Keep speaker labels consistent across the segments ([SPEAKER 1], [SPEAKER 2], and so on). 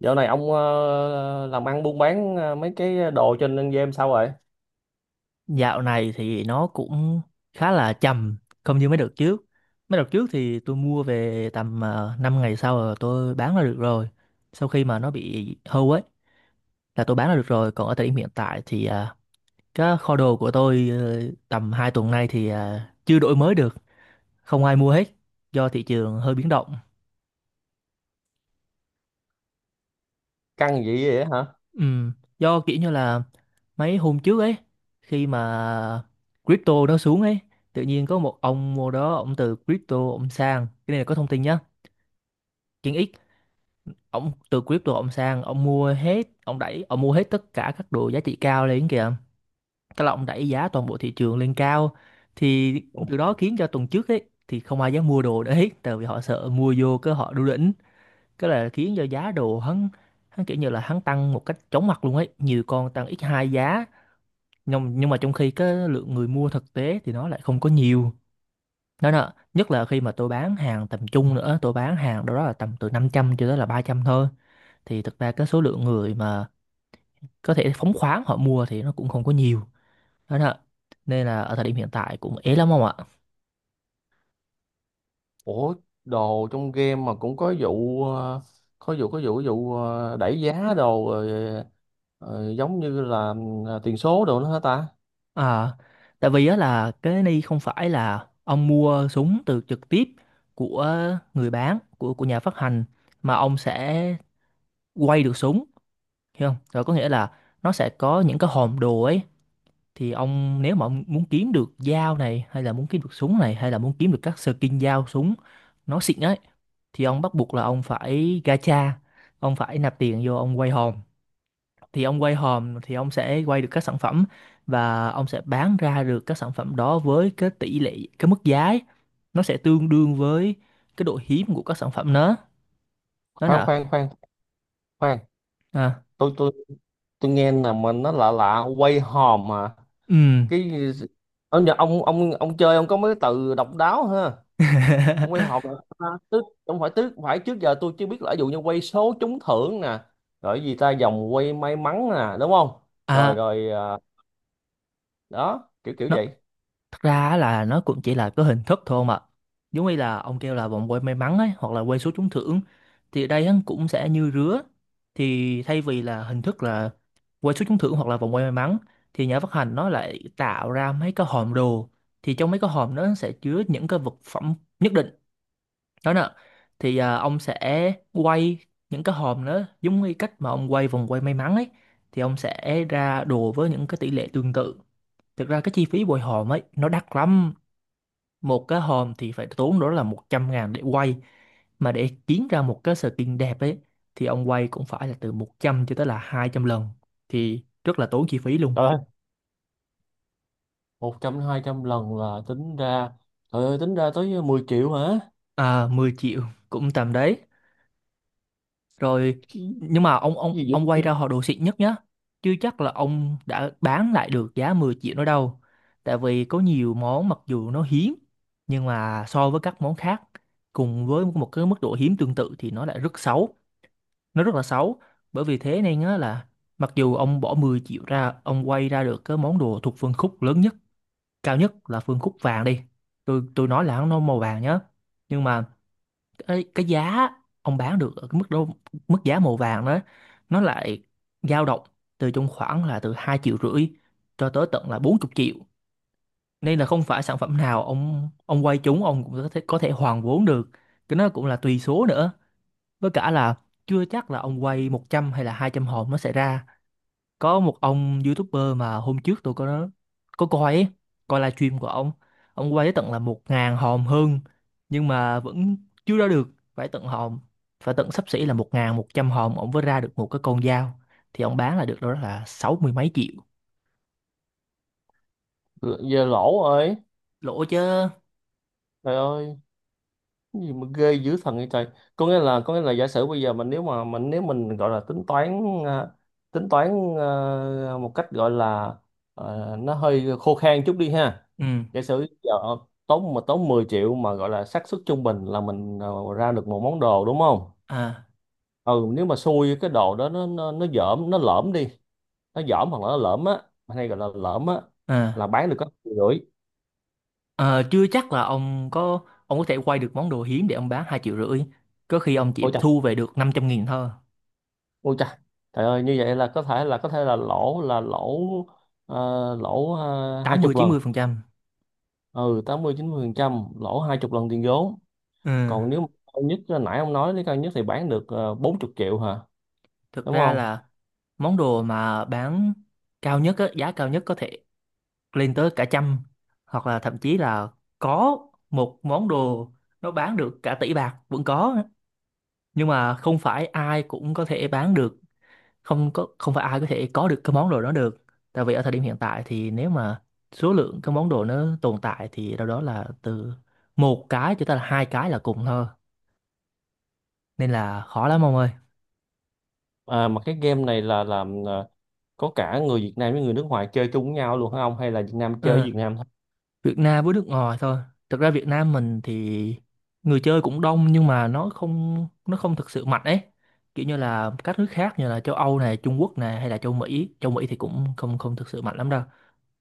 [SPEAKER 1] Dạo này ông làm ăn buôn bán mấy cái đồ trên game sao rồi?
[SPEAKER 2] Dạo này thì nó cũng khá là chậm, không như mấy đợt trước. Mấy đợt trước thì tôi mua về tầm 5 ngày sau là tôi bán là được rồi. Sau khi mà nó bị hư ấy là tôi bán là được rồi. Còn ở thời điểm hiện tại thì cái kho đồ của tôi tầm 2 tuần nay thì chưa đổi mới được, không ai mua hết do thị trường hơi biến động.
[SPEAKER 1] Căng vậy vậy hả?
[SPEAKER 2] Ừ, do kiểu như là mấy hôm trước ấy khi mà crypto nó xuống ấy, tự nhiên có một ông mua đó, ông từ crypto ông sang cái này là có thông tin nhá. Chuyện ít, ông từ crypto ông sang ông mua hết, ông đẩy ông mua hết tất cả các đồ giá trị cao lên kìa, tức là ông đẩy giá toàn bộ thị trường lên cao thì
[SPEAKER 1] Ủa,
[SPEAKER 2] từ đó khiến cho tuần trước ấy thì không ai dám mua đồ đấy tại vì họ sợ mua vô cái họ đu đỉnh, cái là khiến cho giá đồ hắn, hắn kiểu như là hắn tăng một cách chóng mặt luôn ấy, nhiều con tăng x hai giá, nhưng mà trong khi cái lượng người mua thực tế thì nó lại không có nhiều đó nè, nhất là khi mà tôi bán hàng tầm trung nữa, tôi bán hàng đâu đó là tầm từ 500 cho tới là 300 thôi thì thực ra cái số lượng người mà có thể phóng khoáng họ mua thì nó cũng không có nhiều đó nè, nên là ở thời điểm hiện tại cũng ế lắm ông ạ.
[SPEAKER 1] ủa, đồ trong game mà cũng có vụ ờ, có vụ có vụ có vụ đẩy giá đồ rồi, giống như là tiền số đồ nữa hả ta?
[SPEAKER 2] À, tại vì á là cái này không phải là ông mua súng từ trực tiếp của người bán, của nhà phát hành, mà ông sẽ quay được súng, hiểu không, rồi có nghĩa là nó sẽ có những cái hòm đồ ấy thì ông, nếu mà ông muốn kiếm được dao này hay là muốn kiếm được súng này hay là muốn kiếm được các skin dao súng nó xịn ấy thì ông bắt buộc là ông phải gacha, ông phải nạp tiền vô ông quay hòm, thì ông quay hòm thì ông sẽ quay được các sản phẩm và ông sẽ bán ra được các sản phẩm đó với cái tỷ lệ, cái mức giá ấy. Nó sẽ tương đương với cái độ hiếm của các sản phẩm đó, đó
[SPEAKER 1] Khoan
[SPEAKER 2] là.
[SPEAKER 1] khoan khoan khoan,
[SPEAKER 2] À,
[SPEAKER 1] tôi tôi tôi nghe là mình nó lạ lạ quay hòm mà.
[SPEAKER 2] ừ.
[SPEAKER 1] Cái ông chơi ông có mấy cái từ độc đáo ha. Trong quy là, tức không phải, tức phải trước giờ tôi chưa biết, là ví dụ như quay số trúng thưởng nè, rồi cái gì ta, vòng quay may mắn nè, đúng không? Rồi
[SPEAKER 2] à
[SPEAKER 1] rồi, đó kiểu kiểu
[SPEAKER 2] nó
[SPEAKER 1] vậy.
[SPEAKER 2] Thật ra á là nó cũng chỉ là cái hình thức thôi mà. Giống như là ông kêu là vòng quay may mắn ấy, hoặc là quay số trúng thưởng. Thì ở đây á, cũng sẽ như rứa. Thì thay vì là hình thức là quay số trúng thưởng hoặc là vòng quay may mắn, thì nhà phát hành nó lại tạo ra mấy cái hòm đồ. Thì trong mấy cái hòm đó nó sẽ chứa những cái vật phẩm nhất định. Đó nè. Thì à, ông sẽ quay những cái hòm đó giống như cách mà ông quay vòng quay may mắn ấy. Thì ông sẽ ra đồ với những cái tỷ lệ tương tự. Thực ra cái chi phí bồi hòm ấy nó đắt lắm, một cái hòm thì phải tốn đó là 100 ngàn để quay, mà để kiếm ra một cái skin đẹp ấy thì ông quay cũng phải là từ 100 cho tới là 200 lần, thì rất là tốn chi phí luôn.
[SPEAKER 1] Trời ơi, một trăm hai trăm lần là tính ra, trời ơi, tính ra tới mười triệu hả?
[SPEAKER 2] À, 10 triệu cũng tầm đấy rồi,
[SPEAKER 1] Cái
[SPEAKER 2] nhưng mà ông ông
[SPEAKER 1] gì
[SPEAKER 2] ông quay
[SPEAKER 1] vậy?
[SPEAKER 2] ra họ đồ xịn nhất nhá, chứ chắc là ông đã bán lại được giá 10 triệu nó đâu, tại vì có nhiều món mặc dù nó hiếm nhưng mà so với các món khác cùng với một cái mức độ hiếm tương tự thì nó lại rất xấu, nó rất là xấu, bởi vì thế nên á là mặc dù ông bỏ 10 triệu ra ông quay ra được cái món đồ thuộc phân khúc lớn nhất, cao nhất là phân khúc vàng đi, tôi nói là nó màu vàng nhá, nhưng mà cái giá ông bán được ở cái mức đó, mức giá màu vàng đó, nó lại dao động từ trong khoảng là từ 2,5 triệu cho tới tận là 40 triệu, nên là không phải sản phẩm nào ông quay trúng ông cũng có thể hoàn vốn được, cái nó cũng là tùy số nữa, với cả là chưa chắc là ông quay 100 hay là 200 hồn nó sẽ ra. Có một ông YouTuber mà hôm trước tôi có coi ấy, coi livestream của ông. Ông quay tới tận là 1.000 hồn hơn nhưng mà vẫn chưa ra được. Phải tận hồn, phải tận xấp xỉ là 1.100 hồn ông mới ra được một cái con dao. Thì ông bán là được đâu đó là 60 mấy triệu.
[SPEAKER 1] Giờ lỗ rồi.
[SPEAKER 2] Lỗ chứ.
[SPEAKER 1] Trời ơi, cái gì mà ghê dữ thần vậy trời. Có nghĩa là giả sử bây giờ mình, nếu mà mình, nếu mình gọi là tính toán, tính toán một cách gọi là nó hơi khô khan chút đi ha.
[SPEAKER 2] Ừ.
[SPEAKER 1] Giả sử giờ tốn 10 triệu, mà gọi là xác suất trung bình là mình ra được một món đồ đúng không?
[SPEAKER 2] À,
[SPEAKER 1] Ừ, nếu mà xui, cái đồ đó nó dởm, nó lởm đi, nó dởm hoặc là nó lởm á, hay gọi là lởm á,
[SPEAKER 2] à,
[SPEAKER 1] là bán được có triệu rưỡi.
[SPEAKER 2] à, chưa chắc là ông có thể quay được món đồ hiếm để ông bán 2,5 triệu. Có khi ông chỉ
[SPEAKER 1] Ôi,
[SPEAKER 2] thu về được 500 nghìn thôi.
[SPEAKER 1] ôi trời, trời ơi, như vậy là có thể là lỗ, là lỗ ờ, lỗ hai chục lần.
[SPEAKER 2] 80-90%.
[SPEAKER 1] Ừ, tám mươi chín mươi phần trăm lỗ hai chục lần tiền vốn.
[SPEAKER 2] Ừ.
[SPEAKER 1] Còn nếu mà cao nhất, là nãy ông nói, nếu cao nhất thì bán được 40 triệu hả?
[SPEAKER 2] Thực
[SPEAKER 1] Đúng
[SPEAKER 2] ra
[SPEAKER 1] không?
[SPEAKER 2] là món đồ mà bán cao nhất á, giá cao nhất có thể lên tới cả trăm, hoặc là thậm chí là có một món đồ nó bán được cả tỷ bạc vẫn có, nhưng mà không phải ai cũng có thể bán được, không phải ai có thể có được cái món đồ đó được, tại vì ở thời điểm hiện tại thì nếu mà số lượng cái món đồ nó tồn tại thì đâu đó là từ một cái cho tới là hai cái là cùng thôi, nên là khó lắm ông
[SPEAKER 1] À, mà cái game này là có cả người Việt Nam với người nước ngoài chơi chung với nhau luôn hả ông, hay là Việt Nam chơi với
[SPEAKER 2] ơi.
[SPEAKER 1] Việt Nam thôi?
[SPEAKER 2] Việt Nam với nước ngoài thôi. Thực ra Việt Nam mình thì người chơi cũng đông nhưng mà nó không thực sự mạnh ấy. Kiểu như là các nước khác như là châu Âu này, Trung Quốc này hay là châu Mỹ thì cũng không không thực sự mạnh lắm đâu.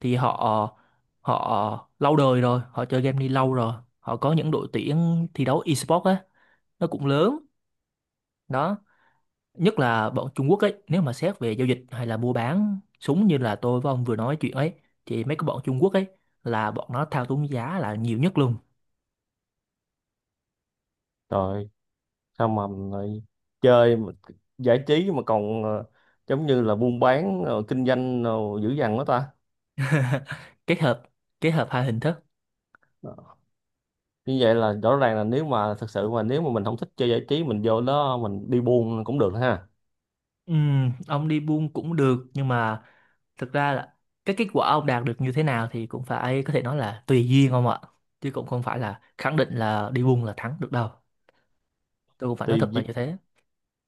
[SPEAKER 2] Thì họ họ lâu đời rồi, họ chơi game đi lâu rồi. Họ có những đội tuyển thi đấu esports á, nó cũng lớn. Đó, nhất là bọn Trung Quốc ấy, nếu mà xét về giao dịch hay là mua bán súng như là tôi với ông vừa nói chuyện ấy thì mấy cái bọn Trung Quốc ấy là bọn nó thao túng giá là nhiều nhất luôn.
[SPEAKER 1] Trời, sao mà lại chơi mà giải trí mà còn giống như là buôn bán, kinh doanh, dữ dằn quá ta.
[SPEAKER 2] Kết hợp, kết hợp hai hình thức.
[SPEAKER 1] Như vậy là rõ ràng là, nếu mà thật sự mà, nếu mà mình không thích chơi giải trí, mình vô đó mình đi buôn cũng được ha.
[SPEAKER 2] Ông đi buôn cũng được nhưng mà thực ra là cái kết quả ông đạt được như thế nào thì cũng phải, có thể nói là tùy duyên ông ạ, chứ cũng không phải là khẳng định là đi buôn là thắng được đâu, tôi cũng phải nói
[SPEAKER 1] Tùy
[SPEAKER 2] thật là như
[SPEAKER 1] duyên.
[SPEAKER 2] thế.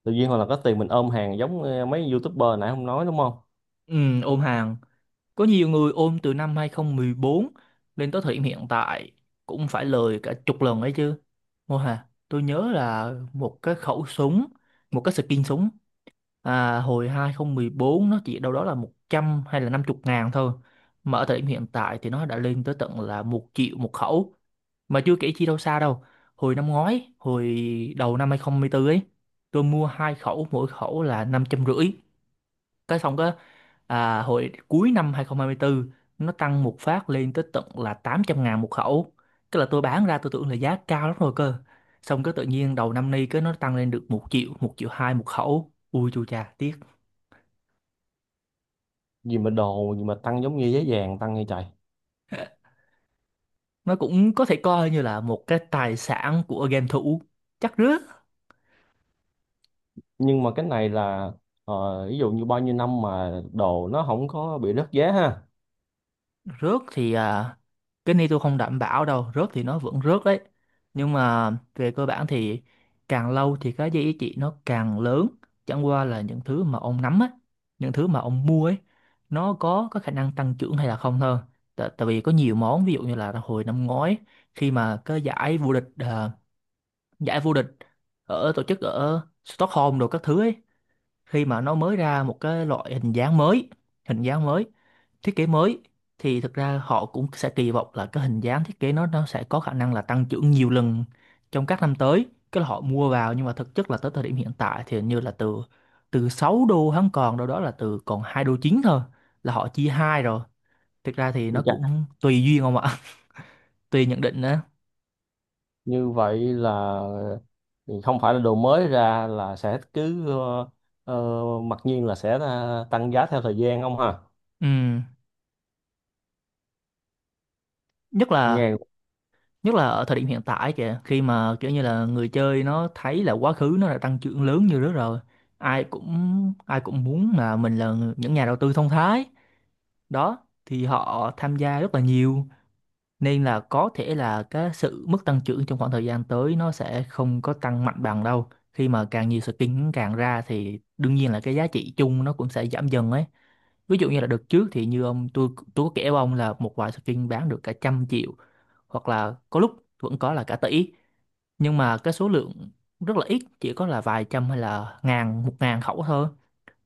[SPEAKER 1] Tự nhiên hoặc là có tiền mình ôm hàng, giống mấy youtuber nãy không, nói đúng không?
[SPEAKER 2] Ôm hàng, có nhiều người ôm từ năm 2014 lên tới thời điểm hiện tại cũng phải lời cả chục lần ấy chứ. Mô Hà tôi nhớ là một cái khẩu súng, một cái skin súng à, hồi 2014 nó chỉ đâu đó là 100 hay là 50 ngàn thôi, mà ở thời điểm hiện tại thì nó đã lên tới tận là 1 triệu một khẩu, mà chưa kể chi đâu xa đâu, hồi năm ngoái hồi đầu năm 2024 ấy tôi mua 2 khẩu mỗi khẩu là 550, cái xong cái à, hồi cuối năm 2024 nó tăng một phát lên tới tận là 800 ngàn một khẩu, cái là tôi bán ra tôi tưởng là giá cao lắm rồi cơ, xong cái tự nhiên đầu năm nay cái nó tăng lên được 1 triệu, 1 triệu 2 một khẩu, ui chu cha tiếc.
[SPEAKER 1] Gì mà đồ gì mà tăng giống như giá vàng tăng như trời.
[SPEAKER 2] Nó cũng có thể coi như là một cái tài sản của game thủ chắc rớt.
[SPEAKER 1] Nhưng mà cái này là, ví dụ như bao nhiêu năm mà đồ nó không có bị rớt giá ha?
[SPEAKER 2] Rớt thì à, cái này tôi không đảm bảo đâu, rớt thì nó vẫn rớt đấy nhưng mà về cơ bản thì càng lâu thì cái giá trị nó càng lớn, chẳng qua là những thứ mà ông nắm á, những thứ mà ông mua ấy nó có khả năng tăng trưởng hay là không thôi, tại vì có nhiều món ví dụ như là hồi năm ngoái khi mà cái giải vô địch à, giải vô địch ở tổ chức ở Stockholm đồ các thứ ấy, khi mà nó mới ra một cái loại hình dáng mới, hình dáng mới thiết kế mới thì thực ra họ cũng sẽ kỳ vọng là cái hình dáng thiết kế nó sẽ có khả năng là tăng trưởng nhiều lần trong các năm tới, cái là họ mua vào nhưng mà thực chất là tới thời điểm hiện tại thì hình như là từ từ 6 đô hắn còn đâu đó là từ còn 2 đô chín thôi Là họ chia hai rồi. Thực ra thì nó
[SPEAKER 1] Chà,
[SPEAKER 2] cũng tùy duyên không ạ. Tùy nhận định nữa.
[SPEAKER 1] như vậy là không phải là đồ mới ra là sẽ cứ, mặc nhiên là sẽ tăng giá theo thời gian không ha?
[SPEAKER 2] Ừ. nhất là
[SPEAKER 1] Nghe.
[SPEAKER 2] Nhất là ở thời điểm hiện tại kìa, khi mà kiểu như là người chơi nó thấy là quá khứ nó đã tăng trưởng lớn như đó rồi. ai cũng Ai cũng muốn là mình là những nhà đầu tư thông thái đó, thì họ tham gia rất là nhiều. Nên là có thể là cái sự mức tăng trưởng trong khoảng thời gian tới nó sẽ không có tăng mạnh bằng đâu, khi mà càng nhiều skin càng ra thì đương nhiên là cái giá trị chung nó cũng sẽ giảm dần ấy. Ví dụ như là đợt trước thì như ông, tôi có kể với ông là một vài skin bán được cả trăm triệu, hoặc là có lúc vẫn có là cả tỷ. Nhưng mà cái số lượng rất là ít, chỉ có là vài trăm hay là ngàn, 1.000 khẩu thôi,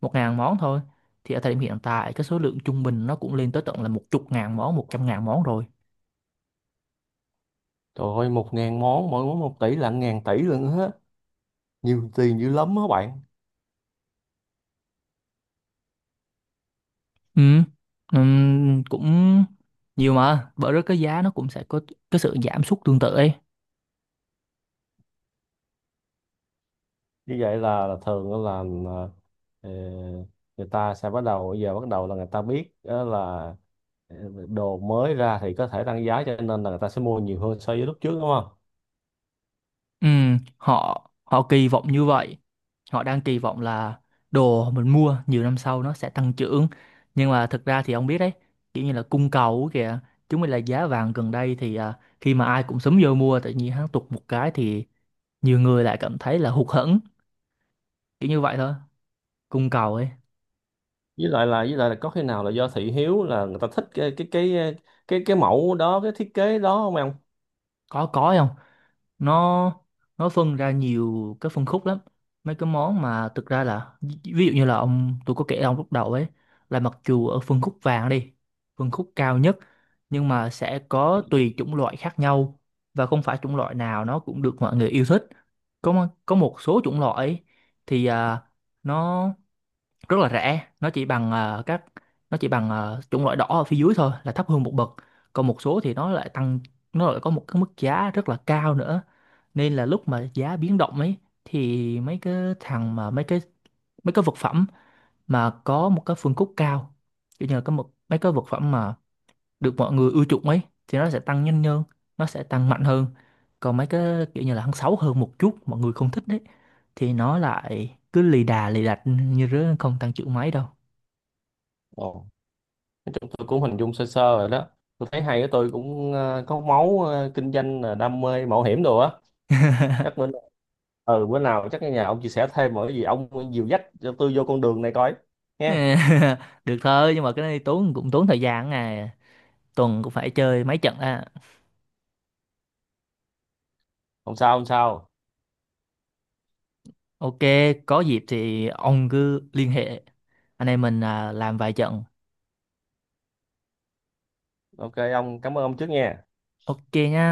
[SPEAKER 2] 1.000 món thôi. Thì ở thời điểm hiện tại cái số lượng trung bình nó cũng lên tới tận là 10.000 món, 100.000 món rồi.
[SPEAKER 1] Trời ơi, một ngàn món, mỗi món một tỷ là ngàn tỷ luôn á. Nhiều tiền dữ lắm á bạn.
[SPEAKER 2] Ừ. Cũng nhiều mà bởi đó cái giá nó cũng sẽ có cái sự giảm sút tương tự ấy.
[SPEAKER 1] Như vậy là, thường á là, ờ, người ta sẽ bắt đầu, bây giờ bắt đầu là người ta biết á, là ờ, đồ mới ra thì có thể tăng giá, cho nên là người ta sẽ mua nhiều hơn so với lúc trước đúng không?
[SPEAKER 2] Ừ, họ họ kỳ vọng như vậy. Họ đang kỳ vọng là đồ mình mua nhiều năm sau nó sẽ tăng trưởng. Nhưng mà thực ra thì ông biết đấy, kiểu như là cung cầu ấy kìa. Chúng mình là giá vàng gần đây thì khi mà ai cũng sớm vô mua tự nhiên hắn tụt một cái thì nhiều người lại cảm thấy là hụt hẫng, kiểu như vậy thôi. Cung cầu ấy,
[SPEAKER 1] với lại là có khi nào là do thị hiếu, là người ta thích cái mẫu đó, cái thiết kế đó không em?
[SPEAKER 2] có không? nó nó phân ra nhiều cái phân khúc lắm. Mấy cái món mà thực ra là ví ví dụ như là ông, tôi có kể ông lúc đầu ấy, là mặc dù ở phân khúc vàng đi, phân khúc cao nhất, nhưng mà sẽ có tùy chủng loại khác nhau, và không phải chủng loại nào nó cũng được mọi người yêu thích. Có một số chủng loại ấy thì nó rất là rẻ, nó chỉ bằng chủng loại đỏ ở phía dưới thôi, là thấp hơn một bậc. Còn một số thì nó lại tăng, nó lại có một cái mức giá rất là cao nữa. Nên là lúc mà giá biến động ấy, thì thằng mà mấy cái mấy cái vật phẩm mà có một cái phân khúc cao, kiểu như là có một mấy cái vật phẩm mà được mọi người ưa chuộng ấy, thì nó sẽ tăng nhanh hơn, nó sẽ tăng mạnh hơn. Còn mấy cái kiểu như là hắn xấu hơn một chút mọi người không thích đấy, thì nó lại cứ lì đà lì đạch như rứa, không tăng trưởng mấy đâu.
[SPEAKER 1] Ồ, chúng tôi cũng hình dung sơ sơ rồi đó. Tôi thấy hay á, tôi cũng có máu kinh doanh, là đam mê mạo hiểm đồ á. Chắc bữa, ừ, bữa nào chắc ở nhà ông chia sẻ thêm mọi cái gì, ông dìu dắt cho tôi vô con đường này coi nghe.
[SPEAKER 2] Được thôi, nhưng mà cái này tốn, cũng tốn thời gian à, tuần cũng phải chơi mấy trận à.
[SPEAKER 1] Không sao không sao.
[SPEAKER 2] Ok, có dịp thì ông cứ liên hệ, anh em mình à, làm vài trận.
[SPEAKER 1] Ok, ông cảm ơn ông trước nha.
[SPEAKER 2] Ok nha.